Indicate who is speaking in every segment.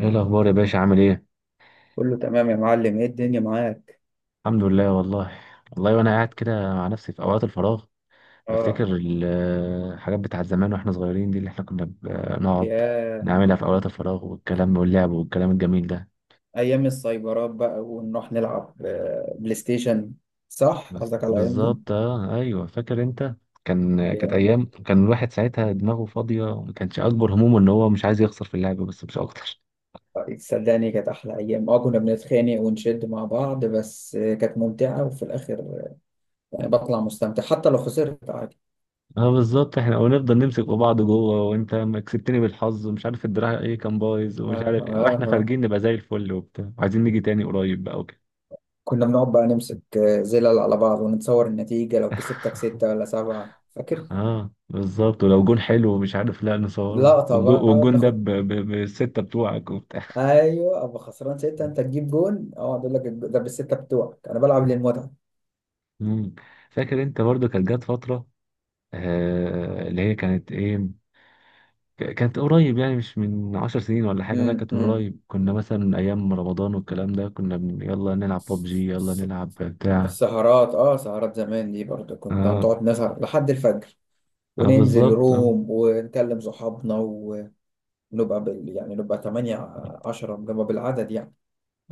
Speaker 1: ايه الاخبار يا باشا، عامل ايه؟
Speaker 2: كله تمام يا معلم، ايه الدنيا معاك؟
Speaker 1: الحمد لله والله. والله، وانا قاعد كده مع نفسي في اوقات الفراغ،
Speaker 2: اه.
Speaker 1: بفتكر الحاجات بتاعت زمان واحنا صغيرين دي، اللي احنا كنا بنقعد
Speaker 2: يا
Speaker 1: نعملها في اوقات الفراغ، والكلام واللعب والكلام الجميل ده.
Speaker 2: ايام السايبرات بقى ونروح نلعب بلاي ستيشن. صح، قصدك على الايام دي.
Speaker 1: بالظبط، اه، ايوه، فاكر انت. كانت
Speaker 2: يا
Speaker 1: ايام، كان الواحد ساعتها دماغه فاضيه وما كانش اكبر همومه ان هو مش عايز يخسر في اللعب، بس مش اكتر.
Speaker 2: صدقني كانت احلى ايام. اه كنا بنتخانق ونشد مع بعض، بس كانت ممتعة، وفي الاخر يعني بطلع مستمتع حتى لو خسرت، عادي.
Speaker 1: اه، بالظبط، احنا ونفضل نمسك في بعض جوه، وانت ما كسبتني بالحظ ومش عارف الدراع ايه كان بايظ ومش
Speaker 2: آه
Speaker 1: عارف إيه،
Speaker 2: آه
Speaker 1: واحنا
Speaker 2: آه.
Speaker 1: خارجين نبقى زي الفل وبتاع، وعايزين نيجي تاني قريب بقى وكده.
Speaker 2: كنا بنقعد بقى نمسك زلل على بعض ونتصور النتيجة، لو كسبتك ستة ولا سبعة فاكر؟
Speaker 1: اه، بالظبط، ولو جون حلو ومش عارف لا نصوره،
Speaker 2: لقطة بقى
Speaker 1: والجون ده
Speaker 2: بناخد.
Speaker 1: بالستة بتوعك وبتاع.
Speaker 2: ايوه، ابقى خسران سته، انت تجيب جون، اقعد اقول لك ده بالسته بتوعك، انا بلعب للمتعه.
Speaker 1: مم. فاكر انت برضو كانت جت فترة، اللي هي كانت ايه، كانت قريب يعني مش من 10 سنين ولا حاجة، لا كانت من
Speaker 2: أمم.
Speaker 1: قريب، كنا مثلا ايام رمضان والكلام ده كنا يلا نلعب ببجي يلا
Speaker 2: الس-
Speaker 1: نلعب بتاع.
Speaker 2: السهرات. اه، سهرات زمان دي برضه كنت
Speaker 1: اه،
Speaker 2: هنقعد نسهر لحد الفجر، وننزل
Speaker 1: بالظبط آه.
Speaker 2: روم ونكلم صحابنا ونبقى يعني نبقى 8 10، نبقى بالعدد يعني.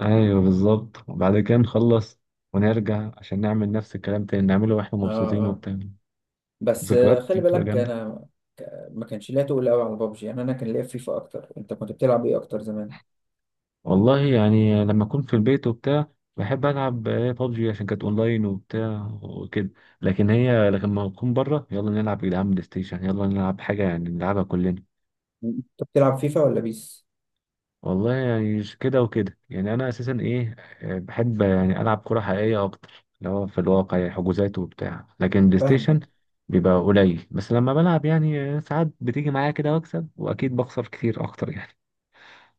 Speaker 1: ايوه بالظبط، وبعد كده نخلص ونرجع عشان نعمل نفس الكلام تاني نعمله واحنا
Speaker 2: اه
Speaker 1: مبسوطين
Speaker 2: اه.
Speaker 1: وبتاع.
Speaker 2: بس
Speaker 1: ذكريات دي
Speaker 2: خلي
Speaker 1: بتبقى
Speaker 2: بالك
Speaker 1: جامدة.
Speaker 2: انا ما كانش ليا تقول قوي على بابجي. يعني انا كان ليا في فيفا اكتر، انت كنت بتلعب ايه اكتر زمان؟
Speaker 1: والله يعني لما اكون في البيت وبتاع بحب العب بابجي عشان كانت اونلاين وبتاع وكده، لكن لما اكون بره يلا نلعب يا جدعان بلاي ستيشن، يلا نلعب حاجة يعني نلعبها كلنا.
Speaker 2: انت بتلعب فيفا ولا بيس؟
Speaker 1: والله يعني كده وكده، يعني انا اساسا ايه، بحب يعني العب كرة حقيقية اكتر اللي هو في الواقع يعني، حجوزات وبتاع، لكن بلاي ستيشن
Speaker 2: فاهم.
Speaker 1: بيبقى قليل. بس لما بلعب يعني ساعات بتيجي معايا كده واكسب، واكيد بخسر كتير اكتر يعني.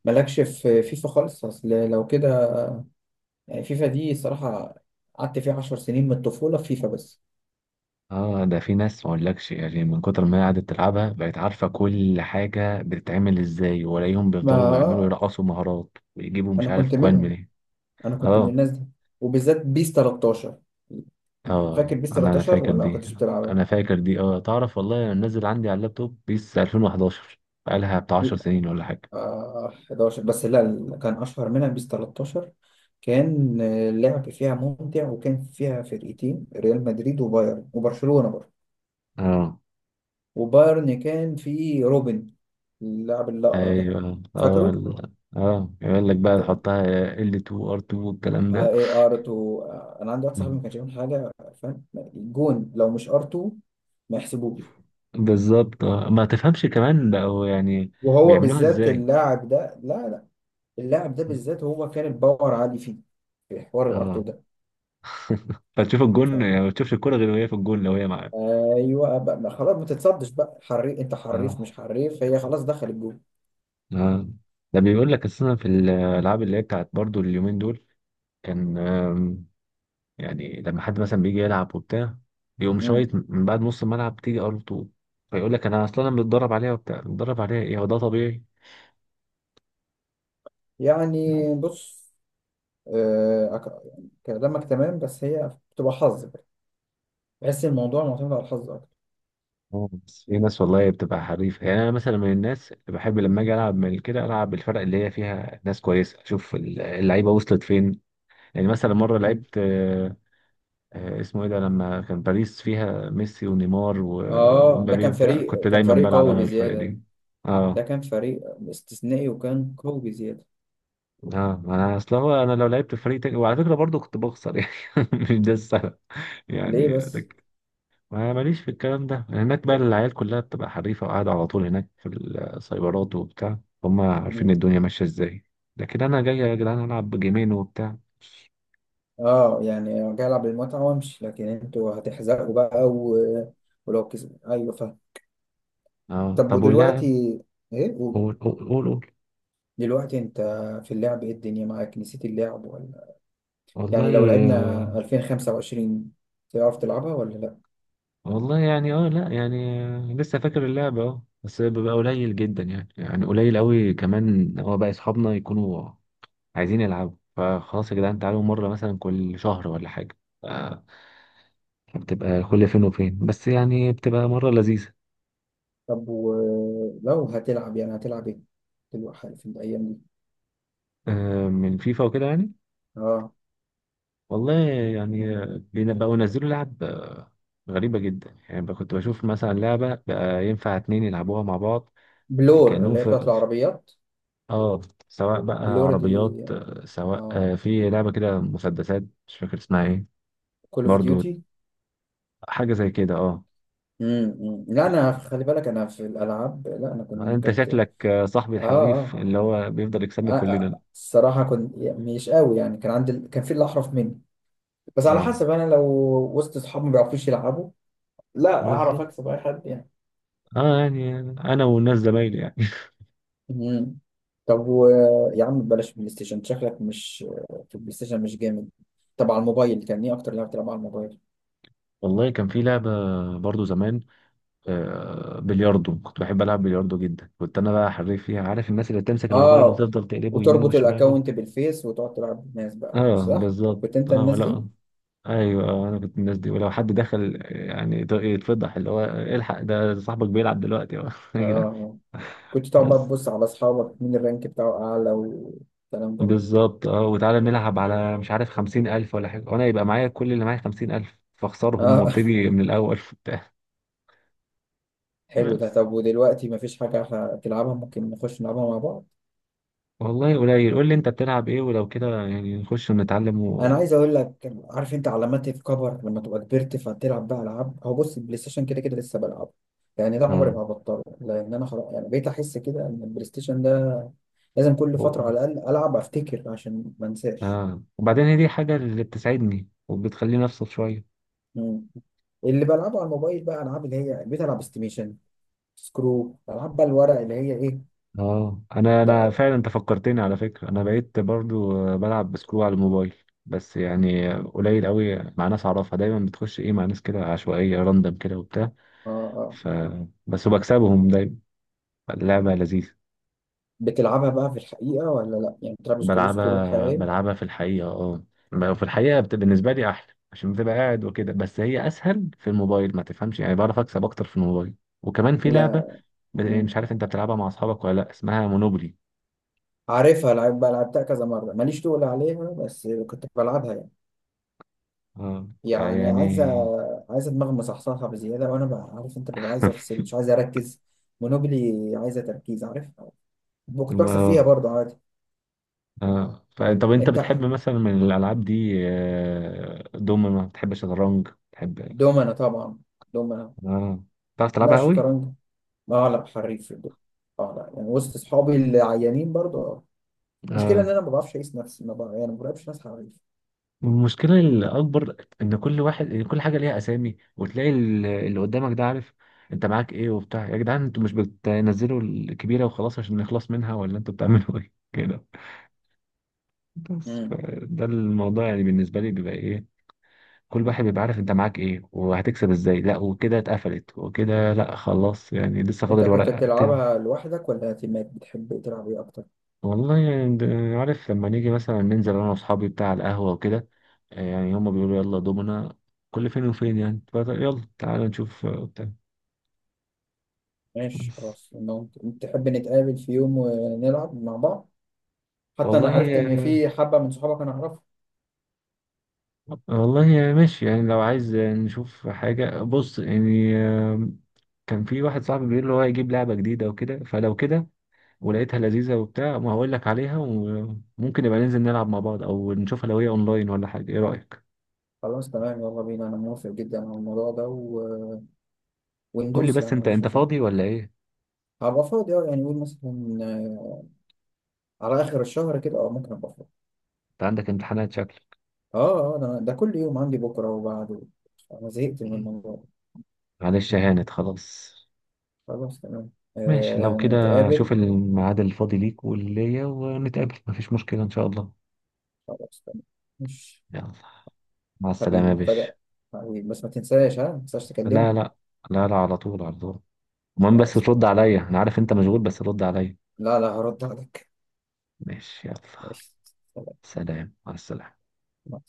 Speaker 2: مالكش في فيفا خالص اصل لو كده، يعني فيفا دي صراحة قعدت فيها عشر سنين من الطفولة، في فيفا بس.
Speaker 1: اه، ده في ناس ما اقولكش يعني، من كتر ما هي قعدت تلعبها بقت عارفة كل حاجة بتتعمل ازاي، والاقيهم
Speaker 2: ما
Speaker 1: بيفضلوا يعملوا يرقصوا مهارات ويجيبوا مش
Speaker 2: انا
Speaker 1: عارف
Speaker 2: كنت
Speaker 1: كوان
Speaker 2: منهم،
Speaker 1: منين.
Speaker 2: انا كنت من
Speaker 1: اه،
Speaker 2: الناس دي، وبالذات بيس 13.
Speaker 1: اه،
Speaker 2: فاكر بيس
Speaker 1: انا
Speaker 2: 13
Speaker 1: فاكر
Speaker 2: ولا ما
Speaker 1: دي.
Speaker 2: كنتش بتلعبها؟
Speaker 1: انا فاكر دي، اه، تعرف والله انا نزل عندي على اللابتوب بيس 2011، بقالها بتاع 10 سنين ولا حاجه.
Speaker 2: آه 11، بس لا، اللي كان اشهر منها بيس 13. كان اللعب فيها ممتع، وكان فيها فرقتين، ريال مدريد وبايرن، وبرشلونة برضه.
Speaker 1: اه،
Speaker 2: وبايرن كان فيه روبن، اللاعب الأقرع ده،
Speaker 1: ايوه،
Speaker 2: فاكره؟
Speaker 1: يقول لك بقى تحطها L2 R2 والكلام
Speaker 2: اه،
Speaker 1: ده.
Speaker 2: ايه ار 2. انا عندي واحد صاحبي
Speaker 1: مم.
Speaker 2: ما كانش يعمل حاجه، فاهم الجون لو مش ار 2 ما يحسبوش.
Speaker 1: بالظبط آه. ما تفهمش كمان بقوا يعني
Speaker 2: وهو
Speaker 1: بيعملوها
Speaker 2: بالذات
Speaker 1: ازاي.
Speaker 2: اللاعب ده، لا لا، اللاعب ده بالذات هو كان الباور عالي فيه، في حوار الار
Speaker 1: اه،
Speaker 2: 2 ده.
Speaker 1: فتشوف الجون
Speaker 2: ف-
Speaker 1: يعني، ما تشوفش الكرة غير وهي في الجون لو هي معاه.
Speaker 2: ايوه بقى، ما خلاص، ما تتصدش بقى، حريف انت حريف مش
Speaker 1: اه،
Speaker 2: حريف، هي خلاص دخل الجون.
Speaker 1: اه، ده بيقول لك السنة في الألعاب اللي هي بتاعت برضو اليومين دول، كان يعني لما حد مثلا بيجي يلعب وبتاع، يقوم
Speaker 2: مم.
Speaker 1: شايط من بعد نص الملعب تيجي ار 2. فيقول لك انا اصلا متدرب عليها وبتاع، متدرب عليها، ايه هو ده طبيعي.
Speaker 2: يعني
Speaker 1: مم.
Speaker 2: بص، يعني كلامك تمام، بس هي بتبقى حظ بقى. بحس الموضوع معتمد على الحظ اكتر.
Speaker 1: اه، بس في ناس والله بتبقى حريفة، يعني أنا مثلا من الناس اللي بحب لما أجي ألعب من كده ألعب بالفرق اللي هي فيها ناس كويسة، أشوف اللعيبة وصلت فين. يعني مثلا مرة
Speaker 2: مم.
Speaker 1: لعبت، اسمه إيه ده، لما كان باريس فيها ميسي ونيمار
Speaker 2: اه، ده
Speaker 1: ومبابي
Speaker 2: كان
Speaker 1: وبتاع، كنت
Speaker 2: فريق كان
Speaker 1: دايما
Speaker 2: فريق
Speaker 1: بلعب
Speaker 2: قوي
Speaker 1: أنا بالفرق
Speaker 2: بزياده،
Speaker 1: دي.
Speaker 2: ده
Speaker 1: أه،
Speaker 2: كان فريق استثنائي وكان قوي بزيادة.
Speaker 1: اه، انا اصل هو انا لو لعبت في فريق تاني، وعلى فكره برضو كنت بخسر يعني. مش ده السبب
Speaker 2: ليه
Speaker 1: يعني
Speaker 2: بس؟
Speaker 1: لك. ما ماليش في الكلام ده، هناك بقى العيال كلها بتبقى حريفه وقاعده على طول هناك في السايبرات وبتاع، هم عارفين
Speaker 2: مم.
Speaker 1: الدنيا ماشيه ازاي. لكن انا جاي يا جدعان العب جيمين وبتاع.
Speaker 2: اه، يعني جاي العب بالمتعة وامشي، لكن انتوا هتحزقوا بقى ولو كسب، ايوه فاهم.
Speaker 1: اه،
Speaker 2: طب
Speaker 1: طب واللاعب،
Speaker 2: ودلوقتي، ايه قول.
Speaker 1: قول، قول، قول، قول.
Speaker 2: دلوقتي انت في اللعب، ايه الدنيا معاك؟ نسيت اللعب ولا
Speaker 1: والله،
Speaker 2: يعني، لو لعبنا
Speaker 1: آه،
Speaker 2: 2025 تعرف تلعبها ولا لا؟
Speaker 1: والله يعني، اه، لا يعني، لسه فاكر اللعبة، اه، بس بيبقى قليل جدا يعني، يعني قليل قوي، كمان هو بقى اصحابنا يكونوا عايزين يلعبوا فخلاص يا جدعان تعالوا مرة مثلا كل شهر ولا حاجة. آه، بتبقى كل فين وفين، بس يعني بتبقى مرة لذيذة.
Speaker 2: طب ولو هتلعب، يعني هتلعب ايه دلوقتي في الايام دي؟
Speaker 1: آه، من فيفا وكده يعني.
Speaker 2: اه،
Speaker 1: والله يعني، بقوا ينزلوا لعب، غريبة جدا يعني، بقى كنت بشوف مثلا لعبة بقى ينفع اتنين يلعبوها مع بعض، آه،
Speaker 2: بلور،
Speaker 1: كأنهم
Speaker 2: اللي هي بتاعت
Speaker 1: في
Speaker 2: العربيات.
Speaker 1: اه، سواء بقى
Speaker 2: بلور دي.
Speaker 1: عربيات، سواء
Speaker 2: اه،
Speaker 1: في لعبة كده مسدسات مش فاكر اسمها ايه.
Speaker 2: كول اوف
Speaker 1: برضو
Speaker 2: ديوتي.
Speaker 1: حاجة زي كده اه.
Speaker 2: أمم. لا، انا خلي بالك، انا في الالعاب، لا، انا كنت
Speaker 1: انت
Speaker 2: كنت اه.
Speaker 1: شكلك صاحبي الحريف
Speaker 2: اه
Speaker 1: اللي هو بيفضل يكسبنا كلنا.
Speaker 2: الصراحه كنت يعني مش قوي، يعني كان عندي كان في اللي احرف مني. بس على
Speaker 1: اه،
Speaker 2: حسب، انا لو وسط اصحابي ما بيعرفوش يلعبوا، لا اعرف
Speaker 1: بالظبط
Speaker 2: اكسب اي حد يعني.
Speaker 1: اه، يعني انا والناس زمايلي يعني.
Speaker 2: امم طب يا عم بلاش بلاي ستيشن، أنت شكلك مش في البلاي ستيشن، مش جامد. طب على الموبايل، كان ايه اكتر لعبه تلعب على الموبايل؟
Speaker 1: والله كان في لعبة برضو زمان، آه، بلياردو، كنت بحب العب بلياردو جدا، كنت انا بقى حريف فيها، عارف الناس اللي بتمسك الموبايل
Speaker 2: اه،
Speaker 1: وتفضل تقلبه يمين
Speaker 2: وتربط
Speaker 1: وشمال.
Speaker 2: الاكونت بالفيس وتقعد تلعب بالناس بقى،
Speaker 1: اه،
Speaker 2: صح؟
Speaker 1: بالظبط،
Speaker 2: كنت انت
Speaker 1: اه
Speaker 2: الناس دي.
Speaker 1: ولا، ايوه آه، انا كنت من الناس دي، ولو حد دخل يعني يتفضح، اللي هو الحق ده صاحبك بيلعب دلوقتي يا جدعان.
Speaker 2: اه، كنت تقعد بقى
Speaker 1: بس
Speaker 2: تبص على اصحابك مين الرانك بتاعه اعلى والكلام ده.
Speaker 1: بالظبط، اه، وتعالى نلعب على مش عارف 50,000 ولا حاجة، وأنا يبقى معايا كل اللي معايا 50,000، فأخسرهم
Speaker 2: اه.
Speaker 1: وأبتدي من الأول.
Speaker 2: حلو ده.
Speaker 1: بس
Speaker 2: طب ودلوقتي مفيش حاجه تلعبها؟ ممكن نخش نلعبها مع بعض.
Speaker 1: والله قليل، قول لي انت بتلعب ايه، ولو كده يعني نخش ونتعلم
Speaker 2: انا
Speaker 1: و،
Speaker 2: عايز اقول لك، عارف انت علامات الكبر لما تبقى كبرت فتلعب بقى العاب. هو بص، البلاي ستيشن كده كده لسه بلعبه، يعني ده عمري
Speaker 1: اه،
Speaker 2: ما هبطله، لان انا خلاص يعني بقيت احس كده ان البلاي ستيشن ده لازم كل فتره
Speaker 1: و...
Speaker 2: على الاقل العب افتكر عشان ما انساش.
Speaker 1: اه وبعدين هي دي حاجة اللي بتسعدني وبتخليني افصل شوية.
Speaker 2: مم. اللي بلعبه على الموبايل بقى العاب، اللي هي بقيت العب استيميشن، سكرو، العاب بقى الورق اللي هي ايه.
Speaker 1: اه، انا
Speaker 2: طيب.
Speaker 1: فعلا انت فكرتني على فكرة، انا بقيت برضو بلعب بسكرو على الموبايل. بس يعني قليل قوي، مع ناس اعرفها دايما بتخش ايه مع ناس كده عشوائية راندم كده وبتاع،
Speaker 2: اه آه.
Speaker 1: ف، بس وبكسبهم دايما. اللعبة لذيذة.
Speaker 2: بتلعبها بقى في الحقيقة ولا لأ؟ يعني بتلعب سكرو، سكرو
Speaker 1: بلعبها
Speaker 2: الحقيقية.
Speaker 1: بلعبها في الحقيقة اه. في الحقيقة بالنسبة لي أحلى، عشان بتبقى قاعد وكده، بس هي أسهل في الموبايل ما تفهمش يعني، بعرف أكسب أكتر في الموبايل. وكمان في لعبة،
Speaker 2: لا.
Speaker 1: يعني
Speaker 2: مم.
Speaker 1: مش عارف أنت بتلعبها مع أصحابك ولا لأ، اسمها مونوبولي.
Speaker 2: عارفها، لعب بقى لعبتها كذا مرة، ماليش تقول عليها، بس كنت بلعبها يعني.
Speaker 1: اه،
Speaker 2: يعني
Speaker 1: فيعني.
Speaker 2: عايزة، عايزة دماغ مصحصحة بزيادة، وأنا بقى عارف أنت ببقى عايز أفصل، مش عايز أركز. مونوبلي عايزة تركيز، عارف. كنت بكسب فيها
Speaker 1: اه،
Speaker 2: برضه عادي.
Speaker 1: اه، طب أنت
Speaker 2: أنت
Speaker 1: بتحب مثلا من الألعاب دي، آه، دومنا؟ بتحب شطرنج؟ بتحب،
Speaker 2: دومنا طبعا. دومنا.
Speaker 1: اه، بتعرف
Speaker 2: لا،
Speaker 1: تلعبها قوي؟
Speaker 2: شطرنج. اه لا، حريف في الدومنة. اه لا يعني وسط أصحابي العيانين برضه، اه. المشكلة إن أنا ما بعرفش أقيس نفسي، ما بعرف يعني، ما بعرفش ناس حريف.
Speaker 1: والمشكلة الأكبر إن كل واحد إن كل حاجة ليها أسامي، وتلاقي اللي قدامك ده عارف أنت معاك إيه وبتاع، يا جدعان أنتوا مش بتنزلوا الكبيرة وخلاص عشان نخلص منها، ولا أنتوا بتعملوا إيه كده؟ بس ده الموضوع يعني بالنسبة لي بيبقى إيه، كل واحد بيبقى عارف أنت معاك إيه وهتكسب إزاي، لا وكده اتقفلت وكده، لا خلاص يعني لسه
Speaker 2: انت
Speaker 1: فاضل
Speaker 2: كنت
Speaker 1: ورقة.
Speaker 2: بتلعبها لوحدك ولا تيمات؟ بتحب تلعب ايه اكتر؟
Speaker 1: والله يعني، عارف لما نيجي مثلا ننزل انا واصحابي بتاع القهوة وكده، آه، يعني هما بيقولوا يلا دومنا كل فين وفين، يعني يلا تعالى نشوف آه، بتاع.
Speaker 2: ماشي
Speaker 1: بس
Speaker 2: خلاص، لو انت تحب نتقابل في يوم ونلعب مع بعض. حتى
Speaker 1: والله
Speaker 2: انا عرفت ان في حبة من صحابك انا اعرفهم.
Speaker 1: والله ماشي، يعني لو عايز نشوف حاجة، بص يعني كان في واحد صاحبي بيقول لي هو هيجيب لعبة جديدة وكده، فلو كده ولقيتها لذيذة وبتاع ما هقول لك عليها، وممكن نبقى ننزل نلعب مع بعض او نشوفها لو هي اونلاين ولا حاجة، ايه رأيك؟
Speaker 2: خلاص تمام، يلا بينا، انا موافق جدا على الموضوع ده
Speaker 1: قول لي
Speaker 2: وندوس
Speaker 1: بس
Speaker 2: يعني، ما
Speaker 1: انت
Speaker 2: عنديش
Speaker 1: انت
Speaker 2: مشاكل.
Speaker 1: فاضي ولا ايه؟
Speaker 2: هبقى فاضي اه، يعني قول مثلا على اخر الشهر كده، اه ممكن ابقى فاضي.
Speaker 1: انت عندك امتحانات
Speaker 2: اه اه، ده كل يوم عندي بكره وبعده، انا زهقت من
Speaker 1: شكل؟
Speaker 2: الموضوع ده.
Speaker 1: معلش هانت خلاص،
Speaker 2: خلاص تمام.
Speaker 1: ماشي لو كده،
Speaker 2: نتقابل.
Speaker 1: شوف الميعاد الفاضي ليك واللي ليا ونتقابل، مفيش مشكلة إن شاء الله.
Speaker 2: خلاص تمام. ماشي.
Speaker 1: يلا، مع السلامة
Speaker 2: حبيبي
Speaker 1: يا باشا.
Speaker 2: مفاجأة. حبيبي، بس ما تنساش، ها ما تنساش
Speaker 1: لا
Speaker 2: تكلمني.
Speaker 1: لا، لا لا، على طول، على طول، المهم بس
Speaker 2: خلاص
Speaker 1: ترد
Speaker 2: تمام.
Speaker 1: عليا، أنا عارف أنت مشغول بس رد عليا.
Speaker 2: لا لا، هرد عليك.
Speaker 1: ماشي يلا،
Speaker 2: ماشي. سلام.
Speaker 1: سلام، مع السلامة.
Speaker 2: مع السلامة.